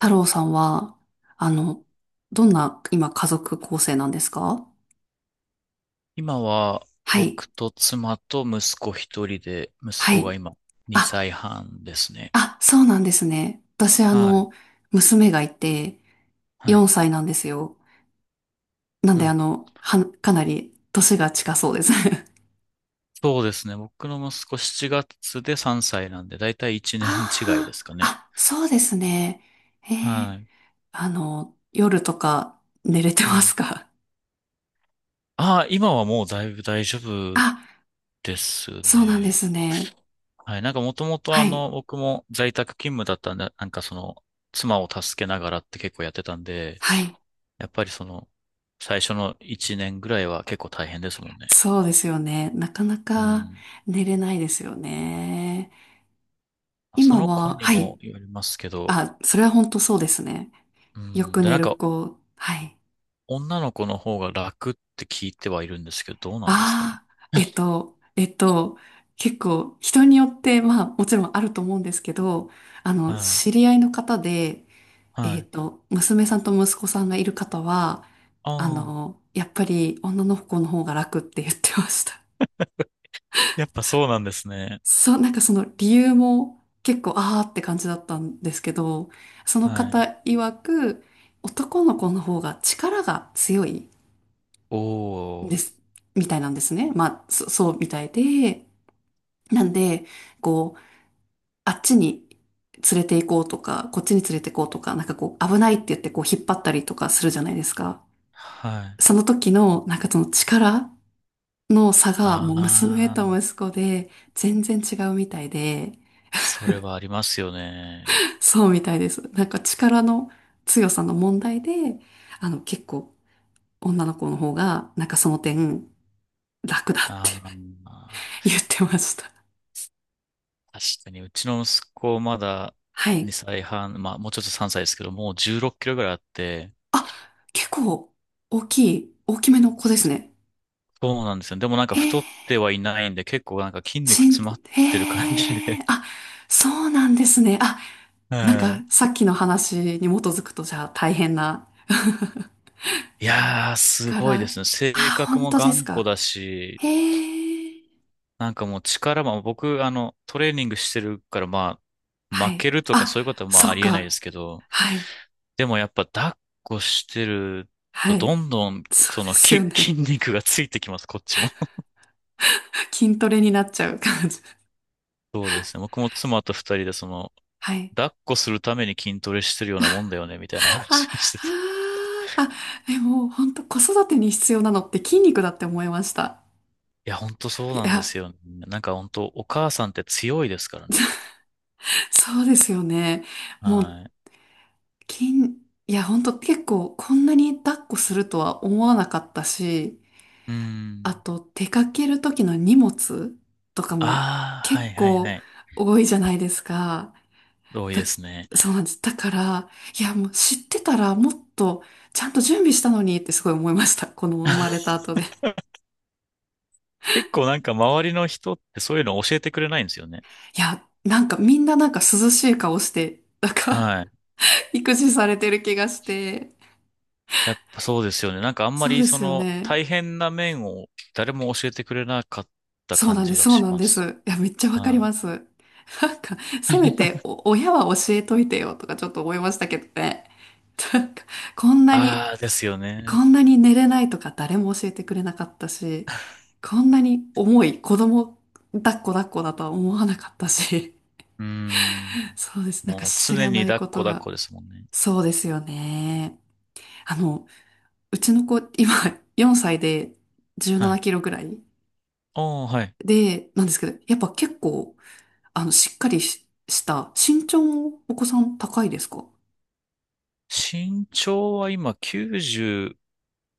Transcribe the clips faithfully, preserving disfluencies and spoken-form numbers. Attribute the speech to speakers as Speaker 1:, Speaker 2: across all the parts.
Speaker 1: 太郎さんは、あの、どんな今家族構成なんですか？
Speaker 2: 今は
Speaker 1: はい。
Speaker 2: 僕と妻と息子一人で、息
Speaker 1: は
Speaker 2: 子
Speaker 1: い。
Speaker 2: が今2
Speaker 1: あ、
Speaker 2: 歳半ですね。
Speaker 1: あ、そうなんですね。私、あ
Speaker 2: はい。
Speaker 1: の、娘がいて、
Speaker 2: は
Speaker 1: 4
Speaker 2: い。
Speaker 1: 歳なんですよ。なん
Speaker 2: う
Speaker 1: で、あ
Speaker 2: ん。
Speaker 1: の、は、かなり年が近そうです。
Speaker 2: そうですね。僕の息子しちがつでさんさいなんで、だいたいいちねん違い
Speaker 1: あ
Speaker 2: ですか
Speaker 1: あ、
Speaker 2: ね。
Speaker 1: あ、そうですね。ええ、
Speaker 2: はい。
Speaker 1: あの、夜とか寝れて
Speaker 2: う
Speaker 1: ま
Speaker 2: ん。
Speaker 1: すか？
Speaker 2: ああ、今はもうだいぶ大丈
Speaker 1: あ、
Speaker 2: 夫です
Speaker 1: そうなんで
Speaker 2: ね。
Speaker 1: すね。
Speaker 2: はい。なんかもともとあ
Speaker 1: はい。
Speaker 2: の、僕も在宅勤務だったんで、なんかその、妻を助けながらって結構やってたんで、
Speaker 1: はい。
Speaker 2: やっぱりその、最初のいちねんぐらいは結構大変ですもんね。
Speaker 1: そうですよね。なかな
Speaker 2: う
Speaker 1: か
Speaker 2: ん。
Speaker 1: 寝れないですよね。
Speaker 2: そ
Speaker 1: 今
Speaker 2: の子
Speaker 1: は、
Speaker 2: に
Speaker 1: はい。
Speaker 2: もよりますけど、
Speaker 1: あ、それは本当そうですね。
Speaker 2: う
Speaker 1: よ
Speaker 2: ん。
Speaker 1: く
Speaker 2: で、
Speaker 1: 寝
Speaker 2: なん
Speaker 1: る
Speaker 2: か、
Speaker 1: 子。はい。
Speaker 2: 女の子の方が楽って聞いてはいるんですけど、どうなんですかね。
Speaker 1: ああ、えっと、えっと、結構人によって、まあもちろんあると思うんですけど、あの、
Speaker 2: はい。
Speaker 1: 知り合いの方で、
Speaker 2: は
Speaker 1: えっ
Speaker 2: い。
Speaker 1: と、娘さんと息子さんがいる方は、あ
Speaker 2: ああ、
Speaker 1: の、やっぱり女の子の方が楽って言ってました。
Speaker 2: やっぱそうなんですね。
Speaker 1: そう、なんかその理由も結構あーって感じだったんですけど、その
Speaker 2: はい。
Speaker 1: 方曰く男の子の方が力が強いん
Speaker 2: お
Speaker 1: で
Speaker 2: ー。
Speaker 1: す、みたいなんですね。まあ、そ、そうみたいで、なんで、こう、あっちに連れて行こうとか、こっちに連れて行こうとか、なんかこう、危ないって言ってこう引っ張ったりとかするじゃないですか。
Speaker 2: はい。
Speaker 1: その時の、なんかその力の差が
Speaker 2: あ
Speaker 1: もう娘と
Speaker 2: あ、
Speaker 1: 息子で全然違うみたいで、
Speaker 2: それはありますよね。
Speaker 1: そうみたいです。なんか力の強さの問題で、あの結構女の子の方が、なんかその点楽だって
Speaker 2: ああ、
Speaker 1: 言ってました。
Speaker 2: 確かに、うちの息子まだ
Speaker 1: はい。
Speaker 2: にさいはん、まあもうちょっとさんさいですけど、もうじゅうろっキロぐらいあって、
Speaker 1: あ、結構大きい、大きめの子ですね。
Speaker 2: そうなんですよ。でもなんか
Speaker 1: へ
Speaker 2: 太
Speaker 1: え、
Speaker 2: ってはいないんで、結構なんか筋肉
Speaker 1: しん、
Speaker 2: 詰まってる感じ
Speaker 1: へえ、
Speaker 2: で、
Speaker 1: あ、そうなんですね。あ、なん
Speaker 2: は
Speaker 1: か
Speaker 2: い。
Speaker 1: さっきの話に基づくとじゃあ大変な
Speaker 2: いやー、すごいで
Speaker 1: 力。
Speaker 2: すね。性
Speaker 1: あ、
Speaker 2: 格
Speaker 1: 本
Speaker 2: も
Speaker 1: 当です
Speaker 2: 頑固
Speaker 1: か。
Speaker 2: だし、
Speaker 1: へえ。
Speaker 2: なんかもう力も、僕、あの、トレーニングしてるから、ま
Speaker 1: は
Speaker 2: あ、負
Speaker 1: い。
Speaker 2: けるとか
Speaker 1: あ、
Speaker 2: そういうことはまあ
Speaker 1: そ
Speaker 2: あ
Speaker 1: っ
Speaker 2: りえないで
Speaker 1: か。
Speaker 2: すけど、
Speaker 1: はい。
Speaker 2: でもやっぱ抱っこしてる
Speaker 1: は
Speaker 2: と、
Speaker 1: い。
Speaker 2: どんどん、
Speaker 1: そう
Speaker 2: そ
Speaker 1: で
Speaker 2: の
Speaker 1: すよ
Speaker 2: き、筋
Speaker 1: ね。
Speaker 2: 肉がついてきます、こっちも。
Speaker 1: 筋トレになっちゃう感じ。
Speaker 2: そうですね。僕も妻と二人で、その、
Speaker 1: はい。
Speaker 2: 抱っこするために筋トレしてるようなもんだよね、みたいな
Speaker 1: あ、あ
Speaker 2: 話をしてて。
Speaker 1: ー、あ、でも本当子育てに必要なのって筋肉だって思いました。
Speaker 2: いや、ほんとそう
Speaker 1: い
Speaker 2: なんで
Speaker 1: や、
Speaker 2: すよね。なんかほんと、お母さんって強いですからね。
Speaker 1: そうですよね。もう
Speaker 2: はい。
Speaker 1: 筋、いや本当結構こんなに抱っこするとは思わなかったし、
Speaker 2: うー
Speaker 1: あ
Speaker 2: ん。
Speaker 1: と出かける時の荷物とかも
Speaker 2: ああ、
Speaker 1: 結
Speaker 2: はいはいは
Speaker 1: 構
Speaker 2: い。
Speaker 1: 多いじゃないですか。
Speaker 2: 同意
Speaker 1: だ、
Speaker 2: ですね。
Speaker 1: そうなんです。だから、いや、もう知ってたらもっとちゃんと準備したのにってすごい思いました。この生まれた後で。
Speaker 2: 結構なんか周りの人ってそういうの教えてくれないんですよね。
Speaker 1: いや、なんかみんななんか涼しい顔して、なんか
Speaker 2: はい。
Speaker 1: 育児されてる気がして。
Speaker 2: やっぱそうですよね。なんかあんま
Speaker 1: そう
Speaker 2: り
Speaker 1: で
Speaker 2: そ
Speaker 1: すよ
Speaker 2: の
Speaker 1: ね。
Speaker 2: 大変な面を誰も教えてくれなかった
Speaker 1: そう
Speaker 2: 感
Speaker 1: なんで
Speaker 2: じ
Speaker 1: す、
Speaker 2: が
Speaker 1: そう
Speaker 2: し
Speaker 1: なん
Speaker 2: ま
Speaker 1: です。
Speaker 2: す。
Speaker 1: いや、めっちゃわかり
Speaker 2: は
Speaker 1: ま
Speaker 2: い。
Speaker 1: す。なんか、せめてお親は教えといてよとかちょっと思いましたけどね。なんか、こんなに
Speaker 2: ああ、ですよね。
Speaker 1: こんなに寝れないとか誰も教えてくれなかったし、こんなに重い子供抱っこ抱っこだとは思わなかったし、
Speaker 2: うーん。
Speaker 1: そうです。なんか
Speaker 2: もう
Speaker 1: 知
Speaker 2: 常
Speaker 1: ら
Speaker 2: に
Speaker 1: ない
Speaker 2: 抱
Speaker 1: こ
Speaker 2: っこ
Speaker 1: と
Speaker 2: 抱っ
Speaker 1: が。
Speaker 2: こですもんね。
Speaker 1: そうですよね。あの、うちの子、今よんさいで17
Speaker 2: は
Speaker 1: キ
Speaker 2: い。
Speaker 1: ロぐらい
Speaker 2: おー、はい。
Speaker 1: で、なんですけど、やっぱ結構、あの、しっかりし、した身長もお子さん高いですか？
Speaker 2: 身長は今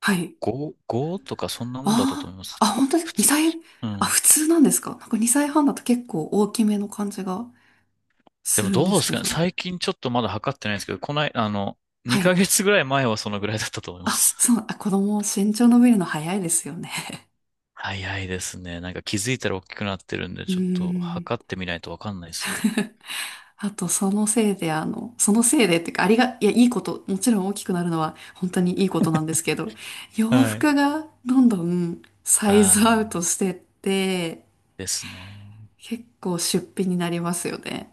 Speaker 1: はい。
Speaker 2: ごとかそんなもんだったと
Speaker 1: あ
Speaker 2: 思います
Speaker 1: あ、あ、
Speaker 2: けど。
Speaker 1: 本当に
Speaker 2: 普通。
Speaker 1: にさい、
Speaker 2: う
Speaker 1: あ、
Speaker 2: ん。
Speaker 1: 普通なんですか？なんかにさいはんだと結構大きめの感じが。
Speaker 2: で
Speaker 1: す
Speaker 2: も
Speaker 1: るん
Speaker 2: どう
Speaker 1: で
Speaker 2: で
Speaker 1: す
Speaker 2: す
Speaker 1: け
Speaker 2: かね。
Speaker 1: ど。
Speaker 2: 最近ちょっとまだ測ってないんですけど、こない、あの、
Speaker 1: は
Speaker 2: 2
Speaker 1: い。
Speaker 2: ヶ月ぐらい前はそのぐらいだったと思いま
Speaker 1: あ、
Speaker 2: す。
Speaker 1: そう、あ、子供、身長伸びるの早いですよね。
Speaker 2: 早いですね。なんか気づいたら大きくなってるん で、
Speaker 1: うー
Speaker 2: ちょっと
Speaker 1: ん。
Speaker 2: 測ってみないとわかんないですね。
Speaker 1: あと、そのせいで、あの、そのせいでっていうか、ありが、いや、いいこと、もちろん大きくなるのは本当にいいことなんですけど、洋
Speaker 2: はい。
Speaker 1: 服がどんどんサイ
Speaker 2: あ
Speaker 1: ズア
Speaker 2: ー、
Speaker 1: ウトしてって、
Speaker 2: ですね。
Speaker 1: 結構出費になりますよね。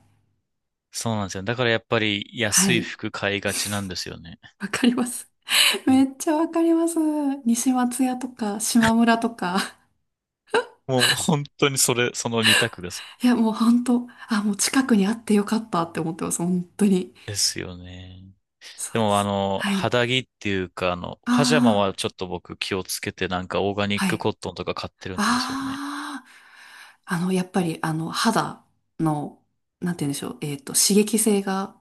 Speaker 2: そうなんですよね。だからやっぱり
Speaker 1: は
Speaker 2: 安い
Speaker 1: い。
Speaker 2: 服買いがちなんですよね。
Speaker 1: わかります。
Speaker 2: う
Speaker 1: め
Speaker 2: ん
Speaker 1: っちゃわかります。西松屋とか、島村とか。
Speaker 2: もう本当にそれ、その二択です。
Speaker 1: いや、もう本当、あ、もう近くにあってよかったって思ってます。本当に。
Speaker 2: ですよね。
Speaker 1: そ
Speaker 2: で
Speaker 1: うで
Speaker 2: もあ
Speaker 1: す。
Speaker 2: の、
Speaker 1: はい。
Speaker 2: 肌着っていうか、あの、パジャマ
Speaker 1: あ
Speaker 2: は
Speaker 1: あ、
Speaker 2: ちょっと僕気をつけて、なんかオーガニッ
Speaker 1: は
Speaker 2: ク
Speaker 1: い。
Speaker 2: コットンとか買ってるんですよね。
Speaker 1: ああ、あの、やっぱり、あの、肌の、なんて言うんでしょう。えっと、刺激性が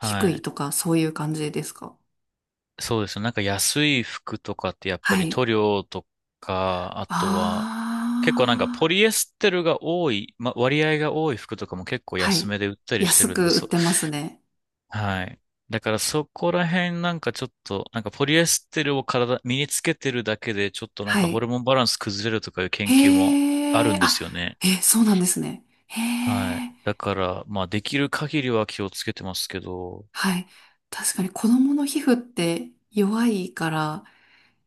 Speaker 1: 低い
Speaker 2: い。
Speaker 1: とか、そういう感じですか？
Speaker 2: そうですね。なんか安い服とかってやっぱ
Speaker 1: は
Speaker 2: り
Speaker 1: い。
Speaker 2: 塗料とか、あとは結構なんか
Speaker 1: あ
Speaker 2: ポ
Speaker 1: あ、
Speaker 2: リエステルが多い、ま、割合が多い服とかも結構
Speaker 1: は
Speaker 2: 安
Speaker 1: い。
Speaker 2: めで売ったりして
Speaker 1: 安
Speaker 2: るんで
Speaker 1: く売っ
Speaker 2: す。
Speaker 1: てますね。
Speaker 2: はい。だからそこら辺なんかちょっと、なんかポリエステルを体、身につけてるだけでちょっとなん
Speaker 1: は
Speaker 2: かホ
Speaker 1: い。
Speaker 2: ルモンバランス崩れるとかいう研究もあ
Speaker 1: へ
Speaker 2: る
Speaker 1: え、
Speaker 2: んで
Speaker 1: あ、
Speaker 2: すよね。
Speaker 1: え、そうなんですね。へ
Speaker 2: はい。
Speaker 1: え、
Speaker 2: だから、まあできる限りは気をつけてますけど、
Speaker 1: はい。確かに子供の皮膚って弱いから、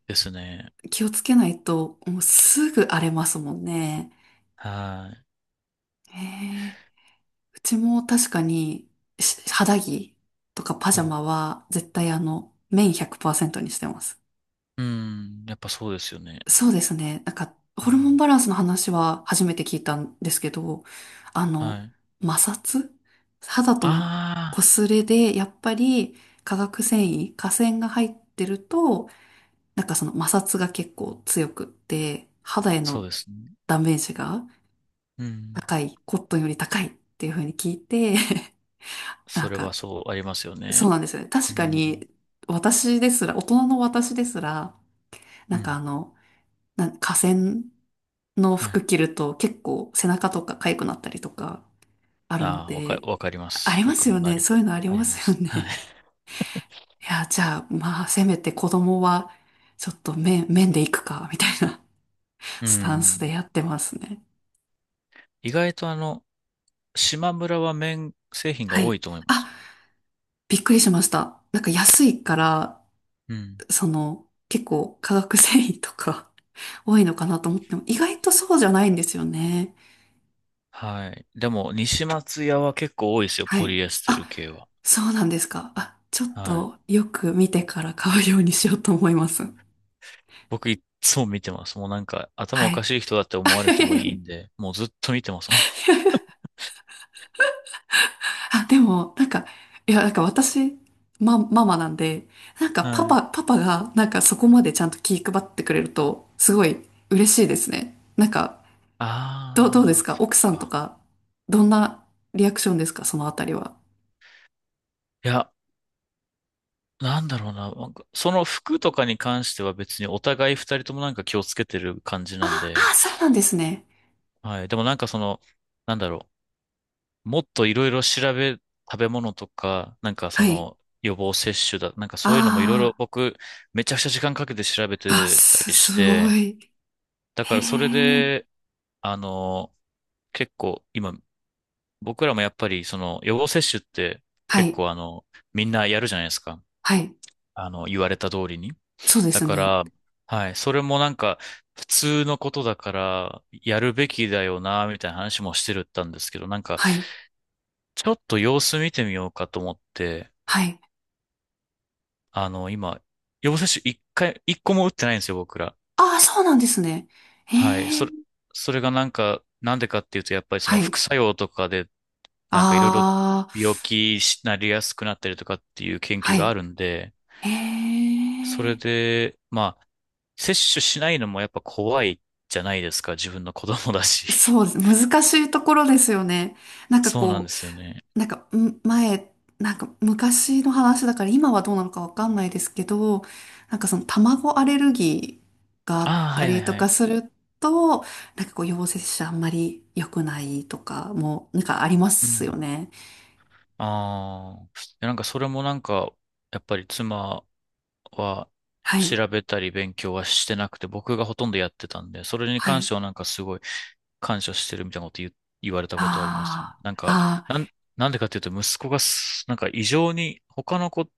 Speaker 2: ですね。
Speaker 1: 気をつけないと、もうすぐ荒れますもんね。
Speaker 2: はい。
Speaker 1: へえ、うちも確かに、し肌着とかパ
Speaker 2: う
Speaker 1: ジャ
Speaker 2: ん。
Speaker 1: マは絶対あの、綿ひゃくパーセントにしてます。
Speaker 2: うん。やっぱそうですよね。
Speaker 1: そうですね。なんか、
Speaker 2: う
Speaker 1: ホルモン
Speaker 2: ん
Speaker 1: バランスの話は初めて聞いたんですけど、あの、
Speaker 2: はい。
Speaker 1: 摩擦肌との
Speaker 2: ああ、
Speaker 1: 擦れで、やっぱり化学繊維、化繊が入ってると、なんかその摩擦が結構強くって、肌へ
Speaker 2: そう
Speaker 1: の
Speaker 2: ですね。
Speaker 1: ダメージが
Speaker 2: うん。
Speaker 1: 高い、コットンより高いっていうふうに聞いて、な
Speaker 2: そ
Speaker 1: ん
Speaker 2: れは
Speaker 1: か、
Speaker 2: そうありますよ
Speaker 1: そう
Speaker 2: ね。
Speaker 1: なんですよね。
Speaker 2: う
Speaker 1: 確か
Speaker 2: ん。
Speaker 1: に、私ですら、大人の私ですら、な
Speaker 2: う
Speaker 1: んかあ
Speaker 2: ん。
Speaker 1: の、なんか河川の
Speaker 2: は
Speaker 1: 服
Speaker 2: い。
Speaker 1: 着ると結構背中とか痒くなったりとかあるの
Speaker 2: ああ、わか、
Speaker 1: で、
Speaker 2: わかりま
Speaker 1: あ
Speaker 2: す。
Speaker 1: りま
Speaker 2: 僕
Speaker 1: す
Speaker 2: も
Speaker 1: よ
Speaker 2: な
Speaker 1: ね。
Speaker 2: り、
Speaker 1: そういうのあり
Speaker 2: あ
Speaker 1: ま
Speaker 2: りま
Speaker 1: すよ
Speaker 2: す。は
Speaker 1: ね。
Speaker 2: い。
Speaker 1: いや、じゃあ、まあ、せめて子供は、ちょっと面、面で行くか、みたいな
Speaker 2: う
Speaker 1: スタンスで
Speaker 2: ん。
Speaker 1: やってますね。
Speaker 2: 意外とあの、島村は麺製品が
Speaker 1: は
Speaker 2: 多
Speaker 1: い。
Speaker 2: いと思います。
Speaker 1: あ、びっくりしました。なんか安いから、
Speaker 2: うん。
Speaker 1: その、結構化学繊維とか 多いのかなと思っても、意外とそうじゃないんですよね。
Speaker 2: はい。でも、西松屋は結構多いですよ。
Speaker 1: は
Speaker 2: ポ
Speaker 1: い。
Speaker 2: リエステル
Speaker 1: あ、
Speaker 2: 系は。
Speaker 1: そうなんですか。あ、ちょっ
Speaker 2: はい。
Speaker 1: とよく見てから買うようにしようと思います。
Speaker 2: 僕いっつも見てます。もうなんか、頭お
Speaker 1: は
Speaker 2: か
Speaker 1: い。
Speaker 2: しい人だって思われてもいいん で、もうずっと見てますもん。
Speaker 1: あ、でも、なんか、いや、なんか私、ま、ママなんで、なん かパ
Speaker 2: はい。
Speaker 1: パ、パパが、なんかそこまでちゃんと気配ってくれると、すごい嬉しいですね。なんか、どう、どうで
Speaker 2: あ
Speaker 1: す
Speaker 2: あ、
Speaker 1: か
Speaker 2: そっ
Speaker 1: 奥さんと
Speaker 2: か。
Speaker 1: か、どんなリアクションですか？そのあたりは。
Speaker 2: いや、なんだろうな。なんかその服とかに関しては別にお互い二人ともなんか気をつけてる感じ
Speaker 1: あ、
Speaker 2: なんで。
Speaker 1: あ、そうなんですね。
Speaker 2: はい。でもなんかその、なんだろう。もっといろいろ調べ、食べ物とか、なんかそ
Speaker 1: はい。
Speaker 2: の予防接種だ、なんかそういうのもいろいろ
Speaker 1: あ
Speaker 2: 僕めちゃくちゃ時間かけて調べ
Speaker 1: あ、あ、
Speaker 2: てた
Speaker 1: す、
Speaker 2: りし
Speaker 1: すご
Speaker 2: て、
Speaker 1: い。
Speaker 2: だか
Speaker 1: へ
Speaker 2: らそれ
Speaker 1: え。
Speaker 2: で、あの、結構今僕らもやっぱりその予防接種って
Speaker 1: は
Speaker 2: 結
Speaker 1: い。
Speaker 2: 構あの、みんなやるじゃないですか。
Speaker 1: はい。
Speaker 2: あの、言われた通りに。
Speaker 1: そうで
Speaker 2: だ
Speaker 1: す
Speaker 2: か
Speaker 1: ね。
Speaker 2: ら、はい、それもなんか、普通のことだから、やるべきだよな、みたいな話もしてるったんですけど、なんか、
Speaker 1: はい。
Speaker 2: ちょっと様子見てみようかと思って、
Speaker 1: はい。
Speaker 2: あの、今、予防接種一回、一個も打ってないんですよ、僕ら。
Speaker 1: ああ、そうなんですね。
Speaker 2: はい、
Speaker 1: へえ。
Speaker 2: それ、それがなんか、なんでかっていうと、やっぱりそ
Speaker 1: は
Speaker 2: の
Speaker 1: い。
Speaker 2: 副作用とかで、なんかいろいろ
Speaker 1: ああ、
Speaker 2: 病気になりやすくなったりとかっていう研究
Speaker 1: は
Speaker 2: があ
Speaker 1: い。
Speaker 2: るんで、
Speaker 1: へ
Speaker 2: それ
Speaker 1: え。
Speaker 2: で、まあ、接種しないのもやっぱ怖いじゃないですか、自分の子供だし。
Speaker 1: そうです、難しいところですよね。なんか
Speaker 2: そうなん
Speaker 1: こ
Speaker 2: ですよね。
Speaker 1: う、なんか、ん前、なんか昔の話だから今はどうなのかわかんないですけど、なんかその卵アレルギーがあっ
Speaker 2: ああ、は
Speaker 1: た
Speaker 2: いは
Speaker 1: り
Speaker 2: い
Speaker 1: と
Speaker 2: は
Speaker 1: か
Speaker 2: い。
Speaker 1: すると、なんかこう陽性者あんまり良くないとかも、なんかありま
Speaker 2: う
Speaker 1: すよ
Speaker 2: ん。
Speaker 1: ね。
Speaker 2: ああ。いやなんかそれもなんか、やっぱり妻は
Speaker 1: はい、
Speaker 2: 調べたり勉強はしてなくて、僕がほとんどやってたんで、それに
Speaker 1: は
Speaker 2: 関し
Speaker 1: い、
Speaker 2: てはなんかすごい感謝してるみたいなこと言う、言われたことありますよね。
Speaker 1: あ
Speaker 2: なん
Speaker 1: あ、
Speaker 2: か、
Speaker 1: あ
Speaker 2: なん、
Speaker 1: あ、
Speaker 2: なんでかっていうと息子がすなんか異常に他の子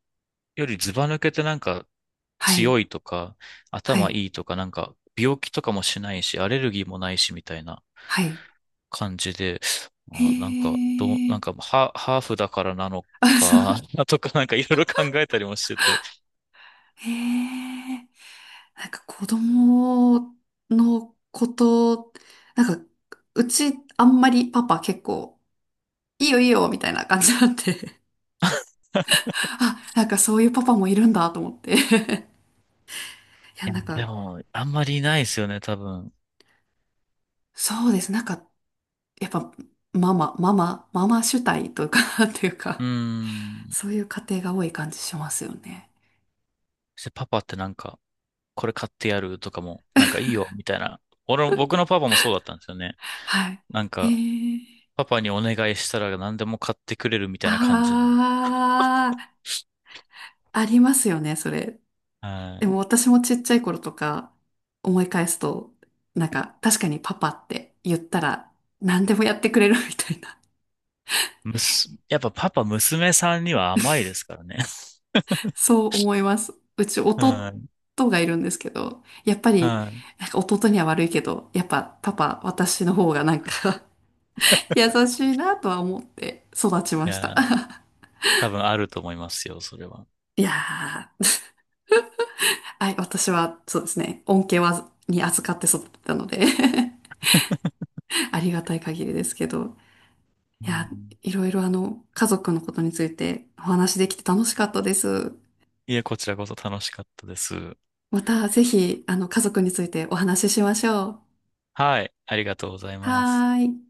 Speaker 2: よりずば抜けてなんか
Speaker 1: はい、
Speaker 2: 強いとか、
Speaker 1: は
Speaker 2: 頭
Speaker 1: い、
Speaker 2: いいとか、なんか病気とかもしないし、アレルギーもないしみたいな。
Speaker 1: はい。
Speaker 2: 感じで、
Speaker 1: へ
Speaker 2: あ、なんか、どう、な
Speaker 1: え、
Speaker 2: んか、ハ、ハーフだからなの
Speaker 1: あ、そ
Speaker 2: か、
Speaker 1: う、
Speaker 2: とか、なんかいろいろ考えたりもしてて。
Speaker 1: へえ。なんか子供のこと、なんか、うちあんまりパパ結構、いいよいいよみたいな感じなんで あ、なんかそういうパパもいるんだと思って。 いや、
Speaker 2: い
Speaker 1: な
Speaker 2: や、
Speaker 1: んか、
Speaker 2: でも、あんまりいないですよね、多分。
Speaker 1: そうです。なんか、やっぱ、ママ、ママ、ママ主体というかって いう
Speaker 2: う
Speaker 1: か、
Speaker 2: ー ん。
Speaker 1: そういう家庭が多い感じしますよね。
Speaker 2: そしてパパってなんか、これ買ってやるとかも、なんかいいよ、みたいな。俺も、僕のパパもそうだったんですよね。
Speaker 1: はい。
Speaker 2: なん
Speaker 1: へ
Speaker 2: か、
Speaker 1: え。
Speaker 2: パパにお願いしたら何でも買ってくれるみた
Speaker 1: あ
Speaker 2: いな感じの。
Speaker 1: あ、ありますよね、それ。
Speaker 2: は
Speaker 1: で
Speaker 2: い。
Speaker 1: も私もちっちゃい頃とか思い返すと、なんか確かにパパって言ったら何でもやってくれるみたいな、
Speaker 2: むす、やっぱパパ、娘さんには甘いですからね。
Speaker 1: そう思います。うち
Speaker 2: は
Speaker 1: 弟
Speaker 2: い。
Speaker 1: がいるんですけど、やっぱり、
Speaker 2: はい。
Speaker 1: なんか弟には悪いけど、やっぱパパ、私の方がなんか 優しいなとは思って育ち
Speaker 2: い
Speaker 1: ました。
Speaker 2: や、多分あると思いますよ、それは。
Speaker 1: いやー、はい、私はそうですね、恩恵は、に預かって育ったので ありがたい限りですけど。
Speaker 2: う
Speaker 1: いや、
Speaker 2: ん
Speaker 1: いろいろあの、家族のことについてお話できて楽しかったです。
Speaker 2: いえ、こちらこそ楽しかったです。
Speaker 1: またぜひ、あの、家族についてお話ししましょう。
Speaker 2: はい。ありがとうございます。
Speaker 1: はーい。